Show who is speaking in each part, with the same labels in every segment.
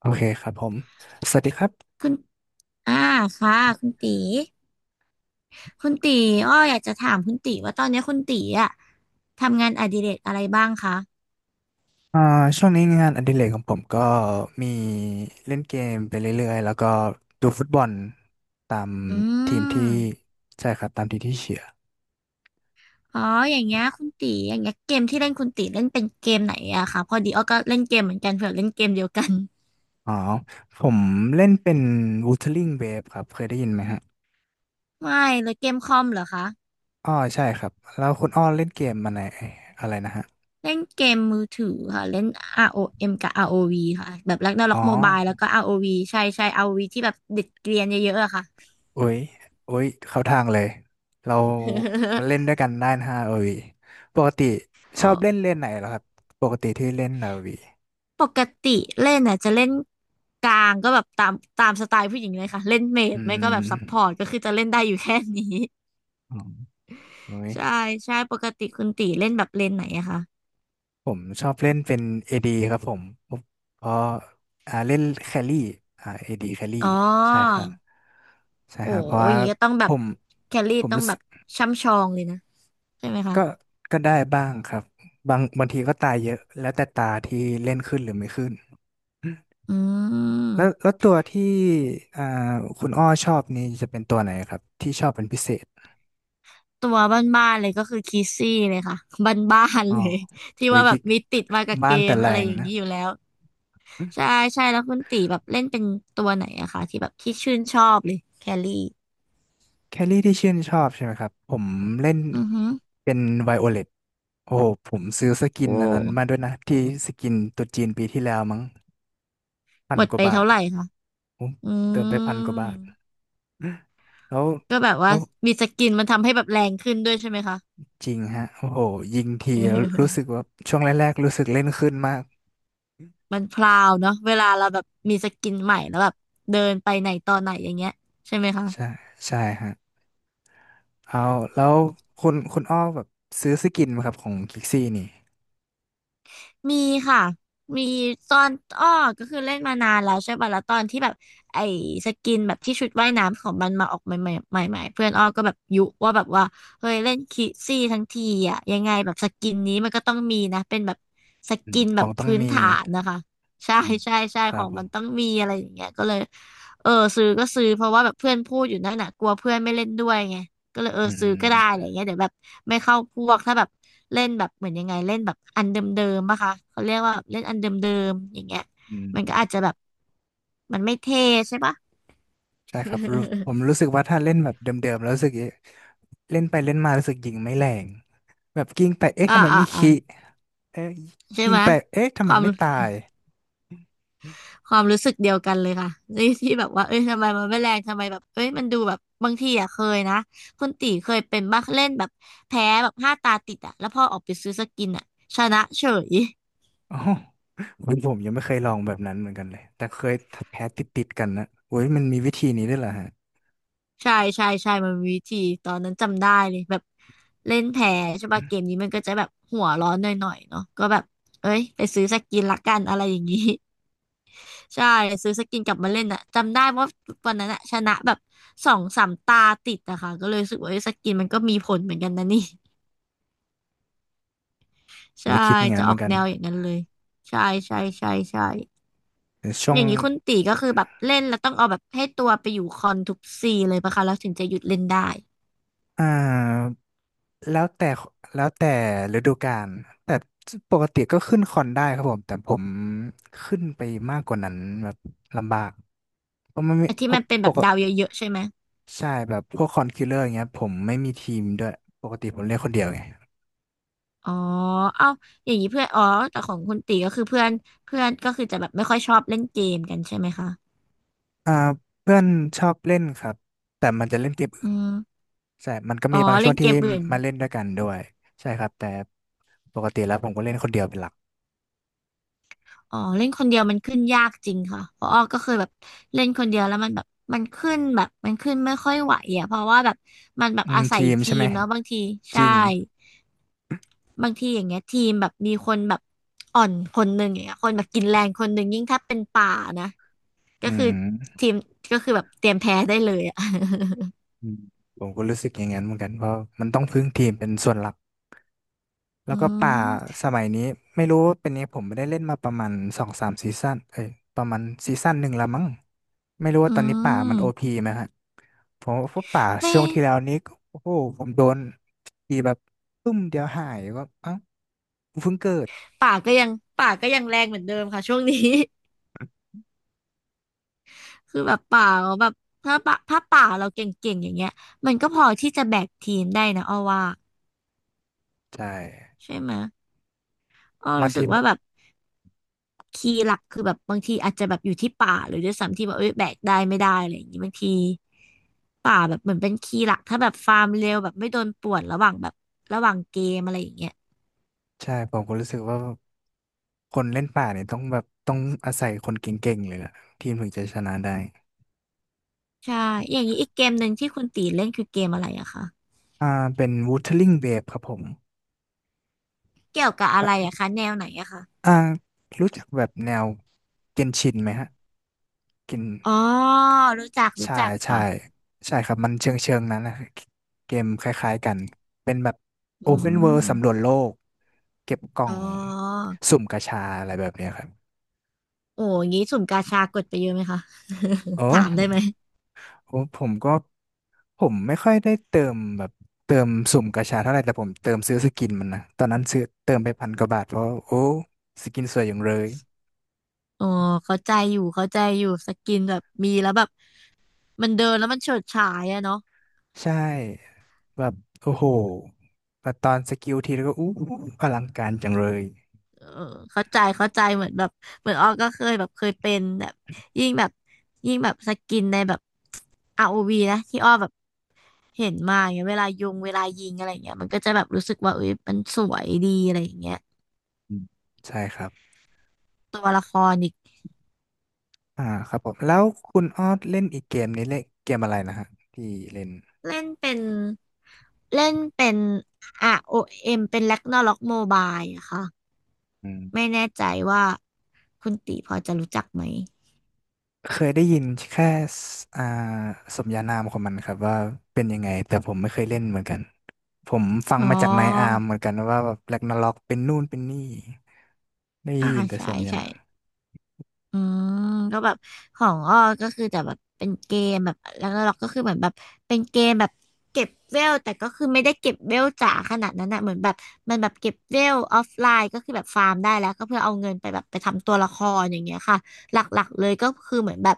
Speaker 1: โอเคครับผมสวัสดีครับ
Speaker 2: คุณอ่าค่ะคุณตีคุณตีอ้ออยากจะถามคุณตีว่าตอนนี้คุณตีอะทำงานอดิเรกอะไรบ้างคะ
Speaker 1: อ่าช่วงนี้งานอดิเรกของผมก็มีเล่นเกมไปเรื่อยๆแล้วก็ดูฟุตบอลตาม
Speaker 2: อื
Speaker 1: ทีมที่
Speaker 2: ม
Speaker 1: ใช่ครับตามทีมที่เชียร์
Speaker 2: อ๋ออย่างเงี้ยคุณตีอย่างเงี้ยเกมที่เล่นคุณตีเล่นเป็นเกมไหนอะคะพอดีอ้อก็เล่นเกมเหมือนกันเผื่อเล่นเกมเดียวกัน
Speaker 1: อ๋อ ผมเล่นเป็น Wuthering Waves ครับเคยได้ยินไหมฮะ
Speaker 2: ไม่เลยเกมคอมเหรอคะ
Speaker 1: อ๋อใช่ครับ แล้วคุณอ้อเล่นเกมมาไหนอะไรนะฮะ
Speaker 2: เล่นเกมมือถือค่ะเล่น ROM กับ ROV ค่ะแบบ
Speaker 1: อ๋
Speaker 2: Ragnarok
Speaker 1: อ
Speaker 2: Mobile แล้วก็ ROV ใช่ใช่ ROV ที่แบบเด็กเกรียนเยอะๆอะค่ะ
Speaker 1: โอ้ยโอ้ยเข้าทางเลย เรามาเล่นด้วยกันได้นะฮะโอวีปกติ ช
Speaker 2: โอ้
Speaker 1: อบเล่นเล่นไหนเหรอครับปกติที่เล่นนาวี
Speaker 2: ปกติเล่นน่ะจะเล่นกลางก็แบบตามสไตล์ผู้หญิงเลยค่ะเล่นเม
Speaker 1: อื
Speaker 2: จไม่ก็แบบซัพพอ
Speaker 1: ม
Speaker 2: ร์ตก็คือจะเล่นได้อยู่แค่นี้
Speaker 1: อืโอ้ย
Speaker 2: ใช่ใช่ปกติคุณตีเล่นแบบเลนไหนอะคะ
Speaker 1: ผมชอบเล่นเป็นเอดีครับผมเพราะเล่นแครี่เอดีแครี่
Speaker 2: อ๋อ
Speaker 1: ใช่ครับใช่
Speaker 2: โอ้
Speaker 1: ครับเพราะ
Speaker 2: ย
Speaker 1: ว่า
Speaker 2: อย่างนี้ก็ต้องแบ
Speaker 1: ผ
Speaker 2: บ
Speaker 1: ม
Speaker 2: แครี่
Speaker 1: ผม
Speaker 2: ต้อง
Speaker 1: รู้
Speaker 2: แบ
Speaker 1: สึก
Speaker 2: บช่ำชองเลยนะใช่ไหมคะ
Speaker 1: ก็ก็ได้บ้างครับบางบางทีก็ตายเยอะแล้วแต่ตาที่เล่นขึ้นหรือไม่ขึ้น
Speaker 2: อืม
Speaker 1: แล้วแล้วตัวที่อ่าคุณอ้อชอบนี่จะเป็นตัวไหนครับที่ชอบเป็นพิเศษ
Speaker 2: ตัวบ้านๆเลยก็คือคิสซี่เลยค่ะ บ้าน
Speaker 1: อ๋
Speaker 2: ๆ
Speaker 1: อ
Speaker 2: เลย ที่
Speaker 1: โอ้ย
Speaker 2: ว่าแบ
Speaker 1: คิ
Speaker 2: บ
Speaker 1: ก
Speaker 2: มีติดมากับเก
Speaker 1: บ้านแต่
Speaker 2: ม
Speaker 1: แร
Speaker 2: อะไร
Speaker 1: ง
Speaker 2: อย่าง
Speaker 1: นะ
Speaker 2: นี้อยู่แล้วใช่ใช่แล้วคุณตีแบบเล่นเป็นตัวไหนอะคะที่แบบที่ชื่นชอบเลยแครี่
Speaker 1: แคลรี่ที่ชื่นชอบใช่ไหมครับผมเล่น
Speaker 2: อือฮึ
Speaker 1: เป็นไวโอเลตโอ้โหผมซื้อสกิ
Speaker 2: โอ
Speaker 1: นอันนั้นมา
Speaker 2: ้
Speaker 1: ด้วยนะที่สกินตัวจีนปีที่แล้วมั้งพั
Speaker 2: ห
Speaker 1: น
Speaker 2: มด
Speaker 1: ก
Speaker 2: ไป
Speaker 1: ว่าบา
Speaker 2: เท่า
Speaker 1: ท
Speaker 2: ไหร่คะ
Speaker 1: ผม
Speaker 2: อื
Speaker 1: เติมไปพันกว่า
Speaker 2: ม
Speaker 1: บาทแล้ว
Speaker 2: ก็แบบว่า
Speaker 1: แล้ว
Speaker 2: มีสกินมันทำให้แบบแรงขึ้นด้วยใช่ไหมคะ
Speaker 1: จริงฮะโอ้โหยิงทีรู้สึก ว่าช่วงแรกๆรู้สึกเล่นขึ้นมาก
Speaker 2: มันพราวเนาะเวลาเราแบบมีสกินใหม่แล้วแบบเดินไปไหนต่อไหนอย่างเงี้ยใช่ไหม
Speaker 1: ใช่
Speaker 2: คะ
Speaker 1: ใช่ฮะเอาแล้วคุณอ้อแบบซื้อสกินไหมครับของคิกซี่นี่
Speaker 2: มีค่ะมีตอนอ้อก็คือเล่นมานานแล้วใช่ป่ะแล้วตอนที่แบบไอ้สกินแบบที่ชุดว่ายน้ำของมันมาออกใหม่เพื่อนอ้อก็แบบยุว่าแบบว่าเฮ้ยเล่นคิดซี่ทั้งทีอ่ะยังไงแบบสกินนี้มันก็ต้องมีนะเป็นแบบส
Speaker 1: อืม
Speaker 2: กิน
Speaker 1: ข
Speaker 2: แบ
Speaker 1: อ
Speaker 2: บ
Speaker 1: งต้อง
Speaker 2: พื้น
Speaker 1: มี
Speaker 2: ฐานนะคะใช่
Speaker 1: อืม
Speaker 2: ใช่
Speaker 1: ครั
Speaker 2: ขอ
Speaker 1: บ
Speaker 2: ง
Speaker 1: ผ
Speaker 2: มันต้อง
Speaker 1: ม
Speaker 2: มีอะไรอย่างเงี้ยก็เลยเออซื้อก็ซื้อเพราะว่าแบบเพื่อนพูดอยู่นั่นน่ะกลัวเพื่อนไม่เล่นด้วยไง ก็เลยเออ
Speaker 1: อื
Speaker 2: ซื้อก็ได้อะไร
Speaker 1: ม
Speaker 2: เงี้ยเดี๋ยวแบบไม่เข้าพวกถ้าแบบเล่นแบบเหมือนยังไงเล่นแบบอันเดิมๆปะคะเขาเรียกว่าเล่นอันเดิมๆอย่างเงี้ย
Speaker 1: อืม
Speaker 2: มันก็อาจจะแบบมันไม่เท่ใช่ปะ
Speaker 1: ใช่ครับรู้ผมรู้ สึกว่าถ้าเล่นแบบเดิมๆแล้วรู้สึกเล่นไปเล่นมารู้สึกยิงไม่แรงแบบกิ้งไปเอ๊ะ
Speaker 2: อ่า
Speaker 1: ทำ ไม
Speaker 2: อ่า
Speaker 1: ไม่
Speaker 2: อ่า
Speaker 1: คิเอ๊ะ
Speaker 2: ใช่
Speaker 1: กิ้
Speaker 2: ไห
Speaker 1: ง
Speaker 2: มย
Speaker 1: ไปเอ๊ะทำ
Speaker 2: ค
Speaker 1: ไม
Speaker 2: วาม
Speaker 1: ไม่ตาย
Speaker 2: ความรู้สึกเดียวกันเลยค่ะที่แบบว่าเอ้ยทำไมมันไม่แรงทำไมแบบเอ้ยมันดูแบบบางทีอ่ะเคยนะคุณตีเคยเป็นบ้าเล่นแบบแพ้แบบ5 ตาติดอ่ะแล้วพอออกไปซื้อสกินอ่ะชนะเฉย
Speaker 1: อ๋อผมยังไม่เคยลองแบบนั้นเหมือนกันเลยแต่เคยแพ้ติดๆกันนะโอ้ยมันมีวิธีนี้ด้วยเหรอฮะ
Speaker 2: ใช่มันมีวิธีตอนนั้นจำได้เลยแบบเล่นแพ้ใช่ปะเกมนี้มันก็จะแบบหัวร้อนหน่อยๆเนาะก็แบบเอ้ยไปซื้อสกินละกันอะไรอย่างนี้ ใช่ซื้อสกินกลับมาเล่นอะจำได้ว่าวันนั้นอะชนะแบบสองสามตาติดอะค่ะก็เลยรู้สึกว่าเอ้ยสกินมันก็มีผลเหมือนกันนะนี่
Speaker 1: ผม
Speaker 2: ใช่
Speaker 1: ก็คิดในงา
Speaker 2: จะ
Speaker 1: นเห
Speaker 2: อ
Speaker 1: มื
Speaker 2: อ
Speaker 1: อน
Speaker 2: ก
Speaker 1: กัน
Speaker 2: แนวอย่างนั้นเลยใช่ใช่
Speaker 1: แต่ช่ว
Speaker 2: อ
Speaker 1: ง
Speaker 2: ย่างนี้คุณตีก็คือแบบเล่นแล้วต้องเอาแบบให้ตัวไปอยู่คอนทุกซีเลยปะคะแล้วถึงจะหยุดเล่นได้
Speaker 1: อ่า แล้วแต่แล้วแต่ฤดูกาลแต่ปกติก็ขึ้นคอนได้ครับผมแต่ผมขึ้นไปมากกว่านั้นแบบลำบากเพราะมันไม่
Speaker 2: ไอ้
Speaker 1: เพ
Speaker 2: ที่มั
Speaker 1: ราะ
Speaker 2: นเป็น
Speaker 1: ป
Speaker 2: แบบ
Speaker 1: ก
Speaker 2: ดา
Speaker 1: ติ
Speaker 2: วเยอะๆใช่ไหม
Speaker 1: ใช่แบบพวกคอนคิลเลอร์อย่างเงี้ยผมไม่มีทีมด้วยปกติผมเล่นคนเดียวไง
Speaker 2: อ๋อเอ้าอย่างนี้เพื่อนอ๋อแต่ของคุณตีก็คือเพื่อนเพื่อนก็คือจะแบบไม่ค่อยชอบเล่นเกมกันใช่ไหมคะ
Speaker 1: อ่าเพื่อนชอบเล่นครับแต่มันจะเล่นเกมอื่
Speaker 2: อื
Speaker 1: น
Speaker 2: ม
Speaker 1: ใช่มันก็
Speaker 2: อ๋อ
Speaker 1: มีบางช่
Speaker 2: เล่
Speaker 1: วง
Speaker 2: นเก
Speaker 1: ที่
Speaker 2: มอื่น
Speaker 1: มาเล่นด้วยกันด้วยใช่ครับแต่ปกติแล้วผมก็เล่นคนเดียวเป็นหลัก
Speaker 2: อ๋อเล่นคนเดียวมันขึ้นยากจริงค่ะเพราะอ้อก็เคยแบบเล่นคนเดียวแล้วมันแบบมันขึ้นแบบมันขึ้นไม่ค่อยไหวอ่ะเพราะว่าแบบมันแบบ
Speaker 1: อื
Speaker 2: อา
Speaker 1: ม
Speaker 2: ศั
Speaker 1: ที
Speaker 2: ย
Speaker 1: ม
Speaker 2: ที
Speaker 1: ใช่ไหม
Speaker 2: มแล้วบางที
Speaker 1: จ
Speaker 2: ใช่
Speaker 1: ริง
Speaker 2: บางทีอย่างเงี้ยทีมแบบมีคนแบบอ่อนคนหนึ่งอย่างเงี้ยคนแบบกินแรงคนหนึ่งยิ่งถ้าเป็นป่านะก็
Speaker 1: อื
Speaker 2: คือ
Speaker 1: ม
Speaker 2: ทีมก็คือแบบเตรียมแพ้ได้เลยอ่ะ
Speaker 1: อืมผมก็รู้สึกอย่างนั้นเหมือนกันเพราะมันต้องพึ่งทีมเป็นส่วนหลัก แล้
Speaker 2: อื
Speaker 1: วก็ป่า
Speaker 2: ม
Speaker 1: สมัยนี้ไม่รู้เป็นยังไงผมไม่ได้เล่นมาประมาณสองสามซีซั่นเอ้ยประมาณซีซั่นหนึ่งละมั้งไม่รู้ว่า
Speaker 2: อื
Speaker 1: ตอนนี้ป่ามันโอพี
Speaker 2: ม
Speaker 1: ไหมฮะผมว่าป่า
Speaker 2: ไม่
Speaker 1: ช่วงที่แล้วนี้ก็โอ้โหผมโดนทีแบบปึ้มเดียวหายว่าเอ้ากูเพิ่งเกิด
Speaker 2: ป่าก็ยังป่าก็ยังแรงเหมือนเดิมค่ะช่วงนี้ คือแบบป่าเราแบบถ้าป่าเราเก่งๆอย่างเงี้ยมันก็พอที่จะแบกทีมได้นะอ้อว่า
Speaker 1: ใช่
Speaker 2: ใช่ไหมอ้อ
Speaker 1: บาง
Speaker 2: รู้สึ
Speaker 1: ที
Speaker 2: กว่าแบบคีย์หลักคือแบบบางทีอาจจะแบบอยู่ที่ป่าหรือด้วยซ้ำที่แบบเอ้ยแบกได้ไม่ได้อะไรอย่างงี้บางทีป่าแบบเหมือนเป็นคีย์หลักถ้าแบบฟาร์มเร็วแบบไม่โดนป่วนระหว่างเกมอะไรอย่างเงี้ย
Speaker 1: ใช่ผมก็รู้สึกว่าคนเล่นป่าเนี่ยต้องแบบต้องอาศัยคนเก่งๆเลยล่ะทีมถึงจะชนะได้
Speaker 2: ใช่อย่างนี้อีกเกมหนึ่งที่คุณตีเล่นคือเกมอะไรอะคะ
Speaker 1: อ่าเป็น Wuthering Waves ครับผม
Speaker 2: เกี่ยวกับอะ
Speaker 1: แบ
Speaker 2: ไร
Speaker 1: บ
Speaker 2: อะคะแนวไหนอะคะ
Speaker 1: อ่ารู้จักแบบแนวเกนชินไหมฮะเกน
Speaker 2: อ๋อรู้
Speaker 1: ใช่
Speaker 2: จัก
Speaker 1: ใช่
Speaker 2: ค่ะ
Speaker 1: ใช่ครับมันเชิงเชิงนั้นนะเกมคล้ายๆกันเป็นแบบ
Speaker 2: อื
Speaker 1: Open World สำรวจ
Speaker 2: ม
Speaker 1: โลกเก็บกล่อ
Speaker 2: อ๋อ
Speaker 1: งสุ่มกาชาอะไรแบบเนี้ยครับ
Speaker 2: โอ้อย่างงี้สุ่มกาชากดไปเยอะไหมคะ ถา
Speaker 1: โอ
Speaker 2: มได้ไหม
Speaker 1: โอ้ผมก็ผมไม่ค่อยได้เติมแบบเติมสุ่มกาชาเท่าไหร่แต่ผมเติมซื้อสกินมันนะตอนนั้นซื้อเติมไปพันกว่าบาทเพราะโอ้สกินสวยอย่างเลย
Speaker 2: อ๋อเข้าใจอยู่เข้าใจอยู่สกินแบบมีแล้วแบบมันเดินแล้วมันเฉิดฉายอะเนาะ
Speaker 1: ใช่ แบบโอ้โหแบบตอนสกิลทีแล้วก็อู้หูอลังการจังเลย
Speaker 2: เออเข้าใจเข้าใจเหมือนแบบเหมือนออก็เคยแบบเคยเป็นแบบยิ่งแบบยิ่งแบบสกินในแบบอาร์โอวีนะที่อ้อแบบเห็นมาอย่างเงี้ยเวลายุงเวลายิงอะไรอย่างเงี้ยมันก็จะแบบรู้สึกว่าเอ้ยมันสวยดีอะไรอย่างเงี้ย
Speaker 1: อืมใช่ครับ
Speaker 2: ตัวละครอีก
Speaker 1: อ่าครับผมแล้วคุณออดเล่นอีกเกมนี้เล่นเกมอะไรนะฮะที่เล่น
Speaker 2: เล่นเป็นเล่นเป็น ROM เอ็มเป็น Ragnarok Mobile อะค่ะ
Speaker 1: อืม
Speaker 2: ไม่แน่ใจว่าคุณตีพอจะรู้จักไหม
Speaker 1: เคยได้ยินแค่สอ่าสมญานามของมันครับว่าเป็นยังไงแต่ผมไม่เคยเล่นเหมือนกันผมฟัง
Speaker 2: อ๋อ
Speaker 1: มาจากนายอาร์มเหมือนกันว่าแบบแร็กนาร็อกเป็นนู่นเป็นนี่ได้
Speaker 2: อ่า
Speaker 1: ยินแต่
Speaker 2: ใช่
Speaker 1: สมญา
Speaker 2: ใช่
Speaker 1: นาม
Speaker 2: อืมก็แบบของอ้อก็คือแต่แบบเป็นเกมแบบแล้วเราก็คือเหมือนแบบเป็นเกมแบบเก็บเวลแต่ก็คือไม่ได้เก็บเวลจ๋าขนาดนั้นนะเหมือนแบบมันแบบเก็บเวลออฟไลน์ก็คือแบบฟาร์มได้แล้วก็เพื่อเอาเงินไปแบบไปทำตัวละครอย่างเงี้ยค่ะหลักๆเลยก็คือเหมือนแบบ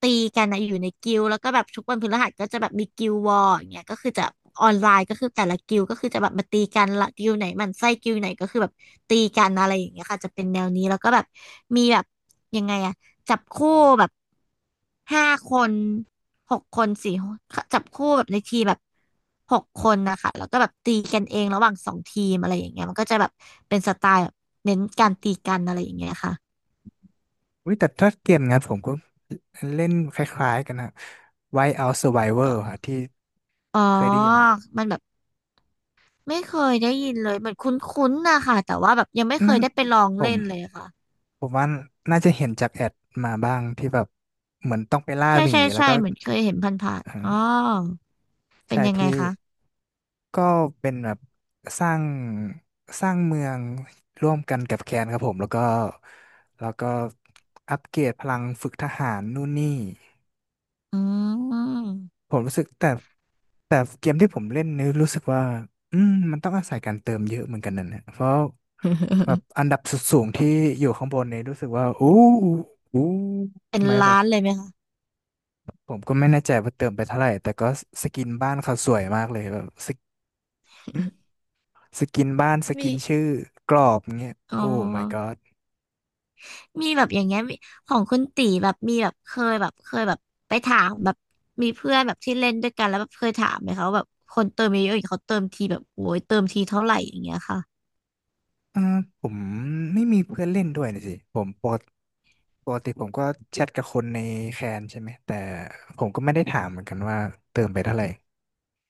Speaker 2: ตีกันนะอยู่ในกิลด์แล้วก็แบบทุกวันพฤหัสก็จะแบบมีกิลด์วอร์อย่างเงี้ยก็คือจะออนไลน์ก็คือแต่ละกิลด์ก็คือจะแบบมาตีกันละกิลด์ไหนหมันไส้กิลด์ไหนก็คือแบบตีกันอะไรอย่างเงี้ยค่ะจะเป็นแนวนี้แล้วก็แบบมีแบบยังไงอะจับคู่แบบห้าคนหกคนสี่จับคู่แบบในทีมแบบหกคนนะคะแล้วก็แบบตีกันเองระหว่างสองทีมอะไรอย่างเงี้ยมันก็จะแบบเป็นสไตล์แบบเน้นการตีกันอะไรอย่างเงี้ยค่ะ
Speaker 1: อุ้ยแต่ถ้าเกมงั้นผมก็เล่นคล้ายๆกันนะ Whiteout Survivor ค่ะที่
Speaker 2: อ๋อ
Speaker 1: เคยได้ยินไหม
Speaker 2: มันแบบ ไม่เคยได้ยินเลยเหมือนคุ้นๆนะคะแต่ว่าแบบยังไม่เคย
Speaker 1: นั่น
Speaker 2: ได้ไปลอง
Speaker 1: ผม
Speaker 2: เล่นเลยค่ะ
Speaker 1: ผมว่าน่าจะเห็นจากแอดมาบ้างที่แบบเหมือนต้องไปล่า
Speaker 2: ใช่
Speaker 1: หมี
Speaker 2: ใช่
Speaker 1: แล้ว
Speaker 2: ใช่
Speaker 1: ก็
Speaker 2: เหมือนเคยเห็นผ่าน
Speaker 1: อ
Speaker 2: ๆอ๋อ
Speaker 1: ่า
Speaker 2: เป็น
Speaker 1: ใช่
Speaker 2: ยังไง
Speaker 1: ที่
Speaker 2: คะ
Speaker 1: ก็เป็นแบบสร้างสร้างเมืองร่วมกันกับแคนครับผมแล้วก็แล้วก็อัปเกรดพลังฝึกทหารนู่นนี่
Speaker 2: อืม
Speaker 1: ผมรู้สึกแต่แต่เกมที่ผมเล่นนี่รู้สึกว่าอืมมันต้องอาศัยการเติมเยอะเหมือนกันนั่นแหละเพราะแบบอันดับสุดสูงที่อยู่ข้างบนเนี่ยรู้สึกว่าอู้อู้
Speaker 2: เป็น
Speaker 1: ทำไมแบ
Speaker 2: ร้า
Speaker 1: บ
Speaker 2: นเลยไหมคะ
Speaker 1: ผมก็ไม่แน่ใจว่าเติมไปเท่าไหร่แต่ก็สกินบ้านเขาสวยมากเลยแบบสก สกินบ้านสกิ
Speaker 2: มี
Speaker 1: นชื่อกรอบเงี้ย
Speaker 2: อ๋อ
Speaker 1: โอ้ my god
Speaker 2: มีแบบอย่างเงี้ยมีของคุณตีแบบมีแบบเคยแบบเคยแบบไปถามแบบมีเพื่อนแบบที่เล่นด้วยกันแล้วแบบเคยถามไหมคะว่าแบบคนเติมเยอะๆอย่างเขาเติมทีแบบโอ้ยเติมทีเท่าไหร่อย่างเงี้ยค่ะ
Speaker 1: เออผมไม่มีเพื่อนเล่นด้วยนะสิผมปกติปกติผมก็แชทกับคนในแคนใช่ไหมแต่ผมก็ไม่ได้ถามเหมือนกันว่าเติมไปเท่าไหร่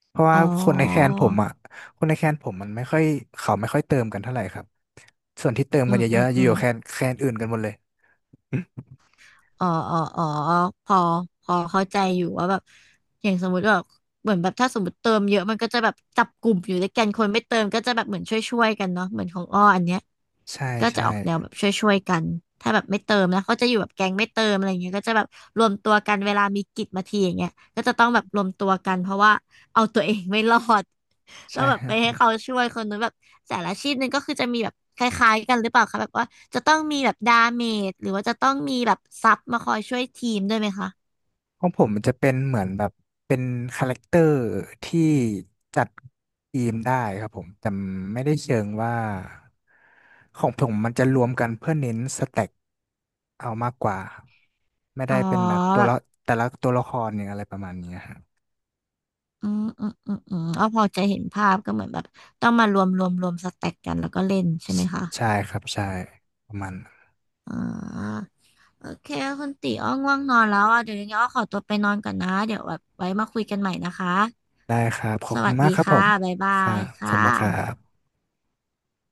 Speaker 1: เพราะ
Speaker 2: อ๋อ
Speaker 1: ว่าคนในแคนผมอ่ะคนในแคนผมมันไม่ค่อยเขาไม่ค่อยเติมกันเท่าไหร่ครับส่วนที่เติม
Speaker 2: อื
Speaker 1: กัน
Speaker 2: ม
Speaker 1: เย
Speaker 2: อืม
Speaker 1: อะๆอ
Speaker 2: อืม
Speaker 1: ยู่แคนแคนอื่นกันหมดเลย
Speaker 2: อ๋ออ๋ออ๋อพอ พอเข้าใจอยู่ว่าแบบ อย่างสมมติแบบเหมือนแบบถ้าสมมติเติมเยอะมันก็จะแบบจับกลุ่มอยู่ด้วยกันคนไม่เติมก็จะแบบเหมือนช่วยๆกันเนาะเหมือนของอ้ออันเนี้ย
Speaker 1: ใช่
Speaker 2: ก็จะ
Speaker 1: ใช่
Speaker 2: ออกแนวแบบช่วยๆกัน ถ้าแบบไม่เติมนะเขาจะอยู่แบบแก๊งไม่เติมอะไรอย่างเงี้ยก็จะแบบรวมตัวกันเวลามีกิจมาทีอย่างเงี้ยก็จะต้องแบบรวมตัวกันเพราะว่าเอาตัวเองไม่รอด ต้อ
Speaker 1: ใช่
Speaker 2: งแบบไปให้เขาช่วยคนนู้นแบบแต่ละอาชีพหนึงก็คือจะมีแบบคล้ายๆกันหรือเปล่าคะแบบว่าจะต้องมีแบบดาเมจหรือว่าจะต้องมีแบบซับมาคอยช่วยทีมด้วยไหมคะ
Speaker 1: ของผมมันจะเป็นเหมือนแบบเป็นคาแรคเตอร์ที่จัดทีมได้ครับผมแต่ไม่ได้เชิงว่าของผมมันจะรวมกันเพื่อเน้นสแต็กเอามากกว่าไม่ได้
Speaker 2: อ๋อ
Speaker 1: เป็นแบบตัว
Speaker 2: แบบ
Speaker 1: ละแต่ละตัวละครอย่างอะไรประมาณนี้ครับ
Speaker 2: อืมอืมอืมอืมอ๋อพอจะเห็นภาพก็เหมือนแบบต้องมารวมสแต็กกันแล้วก็เล่นใช่ไหมคะ
Speaker 1: ใช่ครับใช่ประมาณนั้น
Speaker 2: อ่าโอเคคุณตีอ้อง่วงนอนแล้วอ่ะเดี๋ยวยังไงอ้อขอตัวไปนอนก่อนนะเดี๋ยวแบบไว้มาคุยกันใหม่นะคะ
Speaker 1: ได้ครับขอ
Speaker 2: ส
Speaker 1: บคุ
Speaker 2: วั
Speaker 1: ณ
Speaker 2: ส
Speaker 1: มา
Speaker 2: ดี
Speaker 1: กครับผ
Speaker 2: ค่ะ
Speaker 1: ม
Speaker 2: บ๊ายบา
Speaker 1: ครั
Speaker 2: ย
Speaker 1: บขอ
Speaker 2: ค่ะ
Speaker 1: บคุณมากครับ